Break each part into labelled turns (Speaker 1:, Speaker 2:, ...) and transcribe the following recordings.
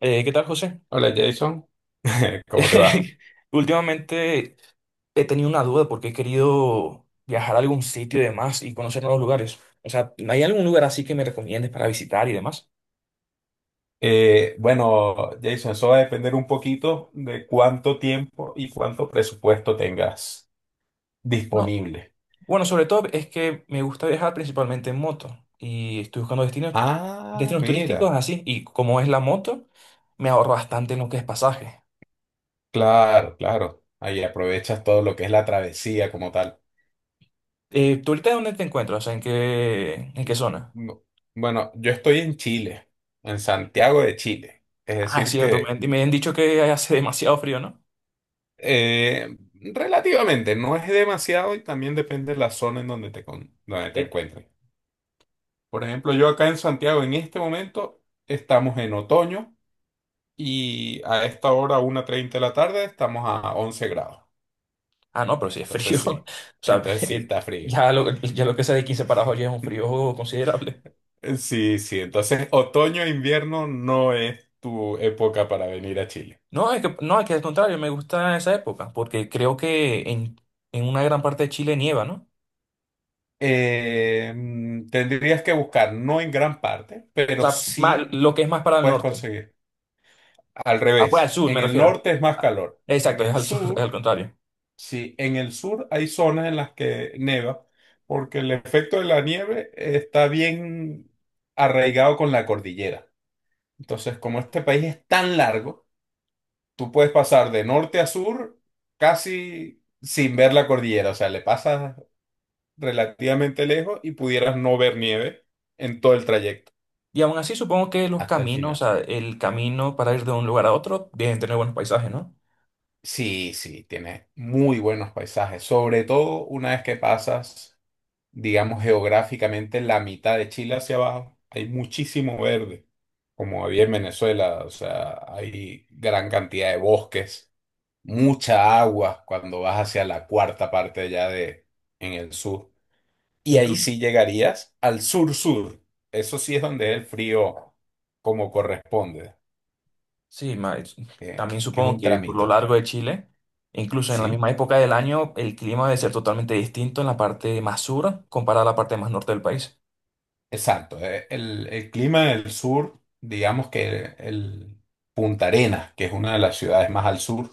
Speaker 1: ¿Qué tal, José?
Speaker 2: Hola, Jason. ¿Cómo te va?
Speaker 1: Últimamente he tenido una duda porque he querido viajar a algún sitio y demás y conocer nuevos lugares. O sea, ¿hay algún lugar así que me recomiendes para visitar y demás?
Speaker 2: Bueno, Jason, eso va a depender un poquito de cuánto tiempo y cuánto presupuesto tengas
Speaker 1: No.
Speaker 2: disponible.
Speaker 1: Bueno, sobre todo es que me gusta viajar principalmente en moto y estoy buscando destinos,
Speaker 2: Ah,
Speaker 1: destinos turísticos
Speaker 2: mira,
Speaker 1: así. Y como es la moto, me ahorro bastante en lo que es pasaje.
Speaker 2: claro, claro. Ahí aprovechas todo lo que es la travesía como tal.
Speaker 1: ¿Tú ahorita dónde te encuentras? O sea, en qué
Speaker 2: Mm,
Speaker 1: zona?
Speaker 2: No, bueno, yo estoy en Chile, en Santiago de Chile. Es
Speaker 1: Ah,
Speaker 2: decir
Speaker 1: cierto, me,
Speaker 2: que
Speaker 1: me han dicho que hace demasiado frío, ¿no?
Speaker 2: relativamente no es demasiado, y también depende de la zona en donde donde te encuentres. Por ejemplo, yo acá en Santiago en este momento estamos en otoño, y a esta hora, 1:30 de la tarde, estamos a 11 grados.
Speaker 1: Ah, no, pero si es frío.
Speaker 2: Entonces
Speaker 1: O
Speaker 2: sí,
Speaker 1: sea,
Speaker 2: entonces sí, está frío.
Speaker 1: ya lo que sea de 15 para abajo ya es un frío considerable.
Speaker 2: Sí, sí, entonces otoño e invierno no es tu época para venir a Chile.
Speaker 1: No, es que al contrario, me gusta esa época, porque creo que en una gran parte de Chile nieva, ¿no?
Speaker 2: Tendrías que buscar, no en gran parte,
Speaker 1: O
Speaker 2: pero
Speaker 1: sea,
Speaker 2: sí
Speaker 1: lo que es más para el
Speaker 2: puedes
Speaker 1: norte.
Speaker 2: conseguir. Al
Speaker 1: Ah, pues al
Speaker 2: revés,
Speaker 1: sur me
Speaker 2: en el
Speaker 1: refiero.
Speaker 2: norte es más
Speaker 1: Ah,
Speaker 2: calor, en
Speaker 1: exacto, es
Speaker 2: el
Speaker 1: al sur, es
Speaker 2: sur.
Speaker 1: al contrario.
Speaker 2: Sí, en el sur hay zonas en las que neva, porque el efecto de la nieve está bien arraigado con la cordillera. Entonces, como este país es tan largo, tú puedes pasar de norte a sur casi sin ver la cordillera. O sea, le pasas relativamente lejos y pudieras no ver nieve en todo el trayecto
Speaker 1: Y aún así supongo que los
Speaker 2: hasta el
Speaker 1: caminos, o
Speaker 2: final.
Speaker 1: sea, el camino para ir de un lugar a otro, deben tener buenos paisajes, ¿no?
Speaker 2: Sí, sí, tiene muy buenos paisajes, sobre todo una vez que pasas. Digamos, geográficamente la mitad de Chile hacia abajo, hay muchísimo verde, como había en Venezuela. O sea, hay gran cantidad de bosques, mucha agua cuando vas hacia la cuarta parte ya de en el sur. Y ahí
Speaker 1: Incluso.
Speaker 2: sí llegarías al sur-sur. Eso sí es donde es el frío como corresponde,
Speaker 1: Sí,
Speaker 2: que,
Speaker 1: también
Speaker 2: que es
Speaker 1: supongo
Speaker 2: un
Speaker 1: que por lo
Speaker 2: tramito,
Speaker 1: largo de Chile, incluso en la
Speaker 2: ¿sí?
Speaker 1: misma época del año, el clima debe ser totalmente distinto en la parte más sur comparada a la parte más norte del país.
Speaker 2: Exacto. El clima del sur, digamos que el Punta Arenas, que es una de las ciudades más al sur.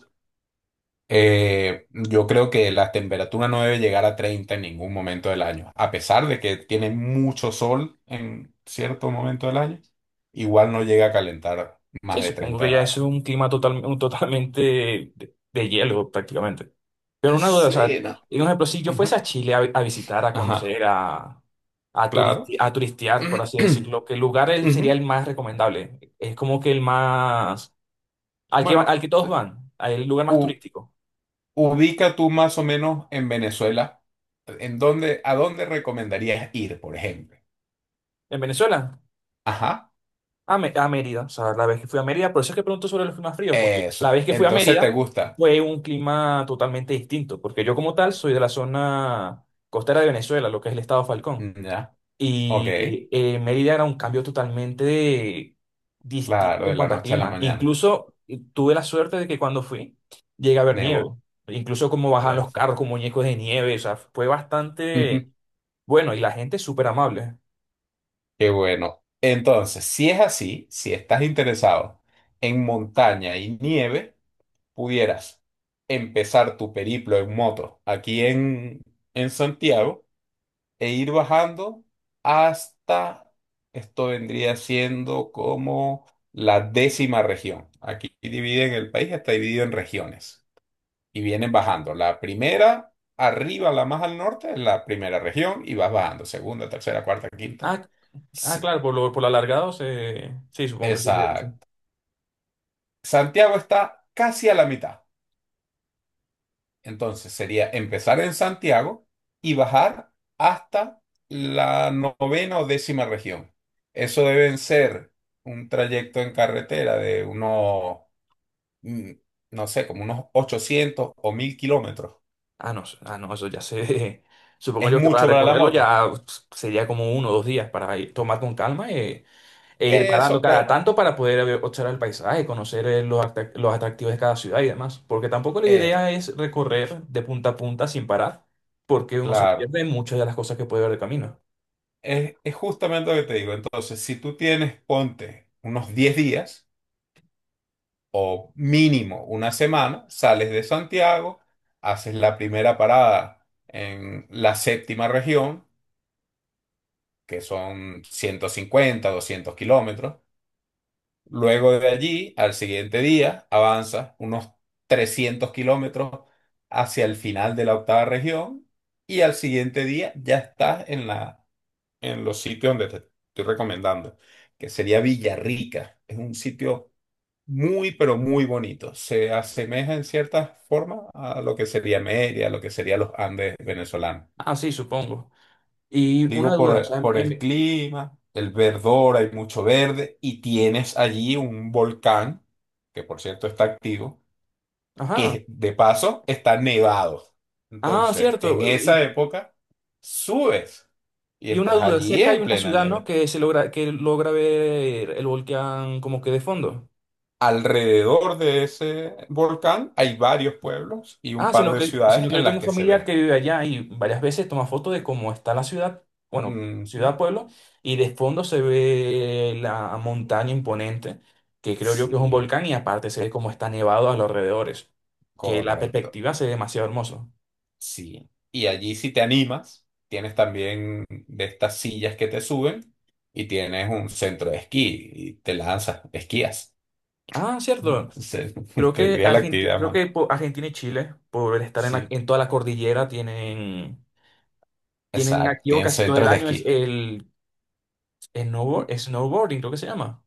Speaker 2: Yo creo que la temperatura no debe llegar a 30 en ningún momento del año, a pesar de que tiene mucho sol en cierto momento del año. Igual no llega a calentar
Speaker 1: Sí,
Speaker 2: más de
Speaker 1: supongo
Speaker 2: treinta
Speaker 1: que ya es
Speaker 2: grados.
Speaker 1: un clima total, un totalmente de hielo prácticamente. Pero una duda, o sea,
Speaker 2: Sí, no.
Speaker 1: y un ejemplo, si yo fuese
Speaker 2: Ajá,
Speaker 1: a Chile a visitar, a
Speaker 2: ajá,
Speaker 1: conocer, a, a, turisti-
Speaker 2: claro.
Speaker 1: a turistear, por así decirlo, ¿qué lugar sería el
Speaker 2: Ujú.
Speaker 1: más recomendable? Es como que el más. Al que,
Speaker 2: Bueno,
Speaker 1: al que todos van, el lugar más
Speaker 2: u-
Speaker 1: turístico.
Speaker 2: ubica tú más o menos en Venezuela, en dónde, a dónde recomendarías ir, por ejemplo.
Speaker 1: ¿En Venezuela?
Speaker 2: Ajá,
Speaker 1: A Mérida, o sea, la vez que fui a Mérida, por eso es que pregunto sobre los climas fríos, porque la
Speaker 2: eso.
Speaker 1: vez que fui a
Speaker 2: Entonces te
Speaker 1: Mérida
Speaker 2: gusta.
Speaker 1: fue un clima totalmente distinto, porque yo como tal soy de la zona costera de Venezuela, lo que es el estado Falcón,
Speaker 2: Ya. Ok.
Speaker 1: y Mérida era un cambio totalmente
Speaker 2: Claro,
Speaker 1: distinto
Speaker 2: de
Speaker 1: en
Speaker 2: la
Speaker 1: cuanto a
Speaker 2: noche a la
Speaker 1: clima.
Speaker 2: mañana.
Speaker 1: Incluso tuve la suerte de que cuando fui llegué a ver nieve,
Speaker 2: Nevó.
Speaker 1: incluso como bajan los
Speaker 2: Perfecto.
Speaker 1: carros con muñecos de nieve, o sea, fue bastante bueno y la gente es súper amable.
Speaker 2: Qué bueno. Entonces, si es así, si estás interesado en montaña y nieve, pudieras empezar tu periplo en moto aquí en Santiago e ir bajando hasta, esto vendría siendo como la décima región. Aquí dividen el país, está dividido en regiones, y vienen bajando. La primera, arriba, la más al norte, es la primera región, y vas bajando. Segunda, tercera, cuarta, quinta.
Speaker 1: Ah, Ah,
Speaker 2: S-
Speaker 1: claro, por lo alargado se. Sí, supongo que. Ujú. Sí.
Speaker 2: Exacto. Santiago está casi a la mitad. Entonces sería empezar en Santiago y bajar hasta la novena o décima región. Eso deben ser un trayecto en carretera de unos, mm, no sé, como unos 800 o 1000 kilómetros.
Speaker 1: Ah, no, ah, no, eso ya se. Supongo
Speaker 2: ¿Es
Speaker 1: yo que para
Speaker 2: mucho para la
Speaker 1: recorrerlo
Speaker 2: moto?
Speaker 1: ya pf, sería como uno o dos días para tomar con calma, ir parando
Speaker 2: Eso
Speaker 1: cada
Speaker 2: pues,
Speaker 1: tanto para poder observar el paisaje, conocer, los atractivos de cada ciudad y demás. Porque tampoco la
Speaker 2: eh,
Speaker 1: idea es recorrer de punta a punta sin parar, porque uno se
Speaker 2: claro.
Speaker 1: pierde en muchas de las cosas que puede ver de camino.
Speaker 2: Es justamente lo que te digo. Entonces, si tú tienes, ponte unos 10 días o mínimo una semana, sales de Santiago, haces la primera parada en la séptima región, que son 150 200 kilómetros. Luego de allí, al siguiente día, avanzas unos 300 kilómetros hacia el final de la octava región, y al siguiente día ya estás en los sitios donde te estoy recomendando, que sería Villarrica. Es un sitio muy, pero muy bonito. Se asemeja en cierta forma a lo que sería Mérida, a lo que serían los Andes venezolanos.
Speaker 1: Ah, sí, supongo. Y una
Speaker 2: Digo,
Speaker 1: duda, o sea,
Speaker 2: por, por el clima, el verdor, hay mucho verde y tienes allí un volcán, que por cierto está activo,
Speaker 1: Ajá.
Speaker 2: que de paso está nevado.
Speaker 1: Ah,
Speaker 2: Entonces, en
Speaker 1: cierto.
Speaker 2: esa época, subes y
Speaker 1: Y una
Speaker 2: estás
Speaker 1: duda,
Speaker 2: allí
Speaker 1: cerca hay
Speaker 2: en
Speaker 1: una
Speaker 2: plena
Speaker 1: ciudad, ¿no?
Speaker 2: nieve.
Speaker 1: Que se logra, que logra ver el volcán como que de fondo.
Speaker 2: Alrededor de ese volcán hay varios pueblos y un
Speaker 1: Ah,
Speaker 2: par de ciudades
Speaker 1: sino que yo
Speaker 2: en las
Speaker 1: tengo un
Speaker 2: que se
Speaker 1: familiar
Speaker 2: ve.
Speaker 1: que vive allá y varias veces toma fotos de cómo está la ciudad, bueno,
Speaker 2: Ujú.
Speaker 1: ciudad, pueblo, y de fondo se ve la montaña imponente, que creo yo que es un
Speaker 2: Sí,
Speaker 1: volcán, y aparte se ve cómo está nevado a los alrededores, que la
Speaker 2: correcto.
Speaker 1: perspectiva se ve demasiado hermoso.
Speaker 2: Sí. Y allí si te animas, tienes también de estas sillas que te suben y tienes un centro de esquí y te lanzas, esquías.
Speaker 1: Ah, cierto.
Speaker 2: Se-
Speaker 1: Creo que
Speaker 2: Tendrías la
Speaker 1: Argentina,
Speaker 2: actividad,
Speaker 1: creo
Speaker 2: mano.
Speaker 1: que Argentina y Chile, por estar en,
Speaker 2: Sí,
Speaker 1: en toda la cordillera, tienen tienen
Speaker 2: exacto.
Speaker 1: activo
Speaker 2: Tienen
Speaker 1: casi todo el
Speaker 2: centros de
Speaker 1: año es
Speaker 2: esquí.
Speaker 1: el snowboarding, creo que se llama.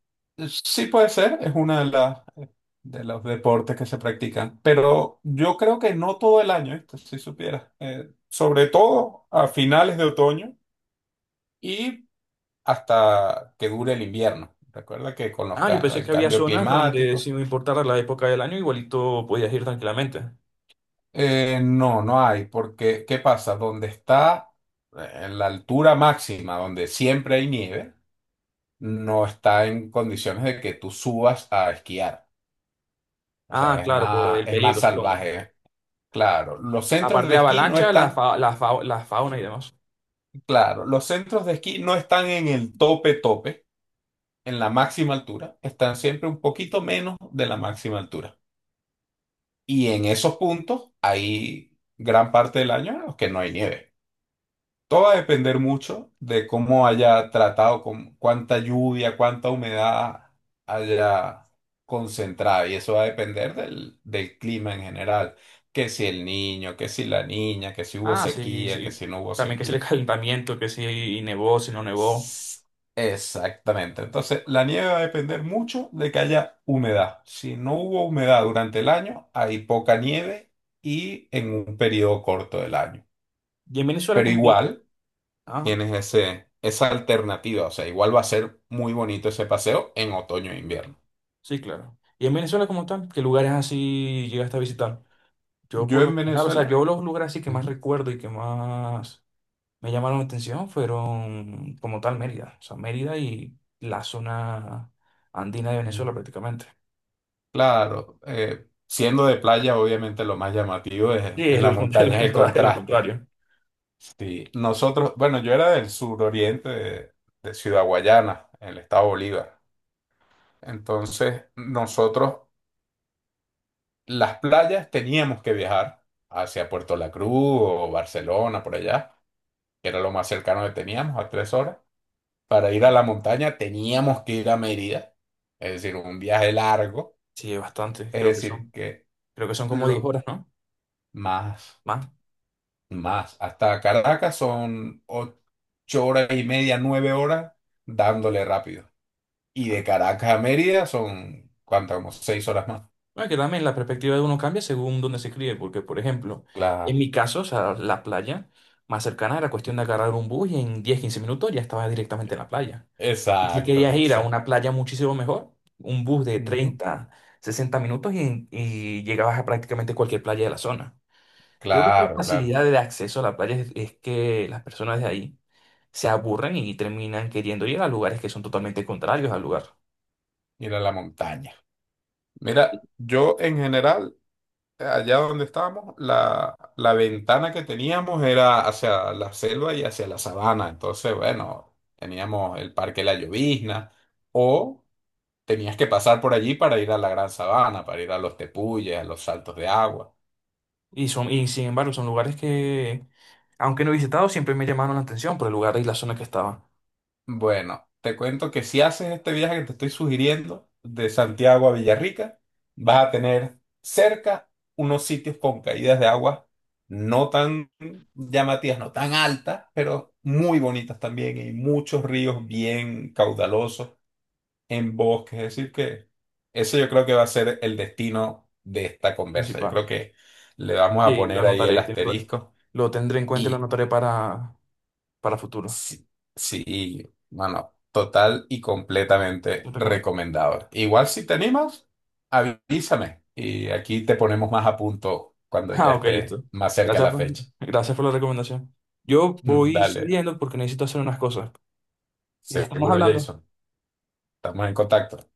Speaker 2: Sí puede ser, es una de las de los deportes que se practican, pero yo creo que no todo el año, esto si supieras, sobre todo a finales de otoño y hasta que dure el invierno. Recuerda que con los
Speaker 1: Ah, yo pensé
Speaker 2: el
Speaker 1: que había
Speaker 2: cambio
Speaker 1: zonas donde
Speaker 2: climático,
Speaker 1: si no importara la época del año, igualito podías ir tranquilamente.
Speaker 2: no, no hay, porque ¿qué pasa? Donde está en la altura máxima, donde siempre hay nieve, no está en condiciones de que tú subas a esquiar. O sea,
Speaker 1: Ah, claro, por el
Speaker 2: es
Speaker 1: peligro,
Speaker 2: más
Speaker 1: supongo.
Speaker 2: salvaje. Claro, los centros
Speaker 1: Aparte
Speaker 2: de
Speaker 1: de
Speaker 2: esquí no
Speaker 1: avalancha, la,
Speaker 2: están,
Speaker 1: fa- la, fa- la fauna y demás.
Speaker 2: claro, los centros de esquí no están en el tope tope, en la máxima altura, están siempre un poquito menos de la máxima altura. Y en esos puntos hay gran parte del año en los que no hay nieve. Todo va a depender mucho de cómo haya tratado, con cuánta lluvia, cuánta humedad haya concentrada. Y eso va a depender del clima en general. Que si el niño, que si la niña, que si hubo
Speaker 1: Ah, sí,
Speaker 2: sequía, que
Speaker 1: sí.
Speaker 2: si no hubo
Speaker 1: También que es el
Speaker 2: sequía.
Speaker 1: calentamiento, que si nevó, si no nevó.
Speaker 2: S- Exactamente. Entonces, la nieve va a depender mucho de que haya humedad. Si no hubo humedad durante el año, hay poca nieve y en un periodo corto del año.
Speaker 1: Y en Venezuela,
Speaker 2: Pero
Speaker 1: como.
Speaker 2: igual
Speaker 1: Ah,
Speaker 2: tienes esa alternativa. O sea, igual va a ser muy bonito ese paseo en otoño e invierno.
Speaker 1: sí, claro. Y en Venezuela como tal, ¿qué lugares así llegaste a visitar? Yo
Speaker 2: Yo
Speaker 1: por lo
Speaker 2: en
Speaker 1: general, o sea,
Speaker 2: Venezuela,
Speaker 1: yo los lugares así que más recuerdo y que más me llamaron la atención fueron como tal Mérida, o sea, Mérida y la zona andina de Venezuela
Speaker 2: ujú,
Speaker 1: prácticamente.
Speaker 2: claro, siendo de playa, obviamente lo más llamativo es,
Speaker 1: Sí,
Speaker 2: es
Speaker 1: es
Speaker 2: la
Speaker 1: lo contrario, lo
Speaker 2: montaña, es el
Speaker 1: contrario, lo
Speaker 2: contraste.
Speaker 1: contrario.
Speaker 2: Sí, nosotros, bueno, yo era del suroriente de Ciudad Guayana, en el estado Bolívar. Entonces, nosotros, las playas, teníamos que viajar hacia Puerto La Cruz o Barcelona, por allá, que era lo más cercano que teníamos, a 3 horas. Para ir a la montaña, teníamos que ir a Mérida, es decir, un viaje largo.
Speaker 1: Sí, es bastante,
Speaker 2: Es
Speaker 1: creo que
Speaker 2: decir,
Speaker 1: son,
Speaker 2: que
Speaker 1: creo que son como 10
Speaker 2: lo
Speaker 1: horas, ¿no?
Speaker 2: más,
Speaker 1: Más.
Speaker 2: más, hasta Caracas son 8 horas y media, 9 horas, dándole rápido. Y
Speaker 1: Ah.
Speaker 2: de Caracas a Mérida son, ¿cuánto? Como 6 horas más.
Speaker 1: Bueno, que también la perspectiva de uno cambia según donde se críe, porque por ejemplo, en
Speaker 2: Claro.
Speaker 1: mi caso, o sea, la playa más cercana era cuestión de agarrar un bus y en 10 o 15 minutos ya estaba directamente en la playa. Y si
Speaker 2: Exacto.
Speaker 1: querías ir a
Speaker 2: Exacto.
Speaker 1: una playa muchísimo mejor, un bus de
Speaker 2: Ujú.
Speaker 1: 30 o 60 minutos y llegabas a prácticamente cualquier playa de la zona. Creo que por la
Speaker 2: Claro, claro.
Speaker 1: facilidad de acceso a la playa es que las personas de ahí se aburren y terminan queriendo ir a lugares que son totalmente contrarios al lugar.
Speaker 2: Ir a la montaña. Mira, yo en general, allá donde estábamos, la ventana que teníamos era hacia la selva y hacia la sabana. Entonces, bueno, teníamos el Parque La Llovizna o tenías que pasar por allí para ir a la Gran Sabana, para ir a los tepuyes, a los saltos de agua.
Speaker 1: Y, son, y sin embargo, son lugares que, aunque no he visitado, siempre me llamaron la atención por el lugar y la zona que estaba
Speaker 2: Bueno, te cuento que si haces este viaje que te estoy sugiriendo de Santiago a Villarrica, vas a tener cerca unos sitios con caídas de agua no tan llamativas, no tan altas, pero muy bonitas también y muchos ríos bien caudalosos en bosques. Es decir, que ese yo creo que va a ser el destino de esta conversa. Yo
Speaker 1: principal.
Speaker 2: creo que le vamos a
Speaker 1: Y lo
Speaker 2: poner ahí el
Speaker 1: anotaré,
Speaker 2: asterisco.
Speaker 1: lo tendré en cuenta y lo
Speaker 2: Y
Speaker 1: anotaré para futuro.
Speaker 2: Sí, sí, no, no, total y
Speaker 1: Te
Speaker 2: completamente
Speaker 1: recomiendo.
Speaker 2: recomendado. Igual si te animas, avísame y aquí te ponemos más a punto cuando ya
Speaker 1: Ah, ok,
Speaker 2: esté
Speaker 1: listo.
Speaker 2: más cerca
Speaker 1: Gracias
Speaker 2: la
Speaker 1: por,
Speaker 2: fecha.
Speaker 1: gracias por la recomendación. Yo voy
Speaker 2: Dale,
Speaker 1: saliendo porque necesito hacer unas cosas. Estamos
Speaker 2: seguro,
Speaker 1: hablando.
Speaker 2: Jason. Estamos en contacto.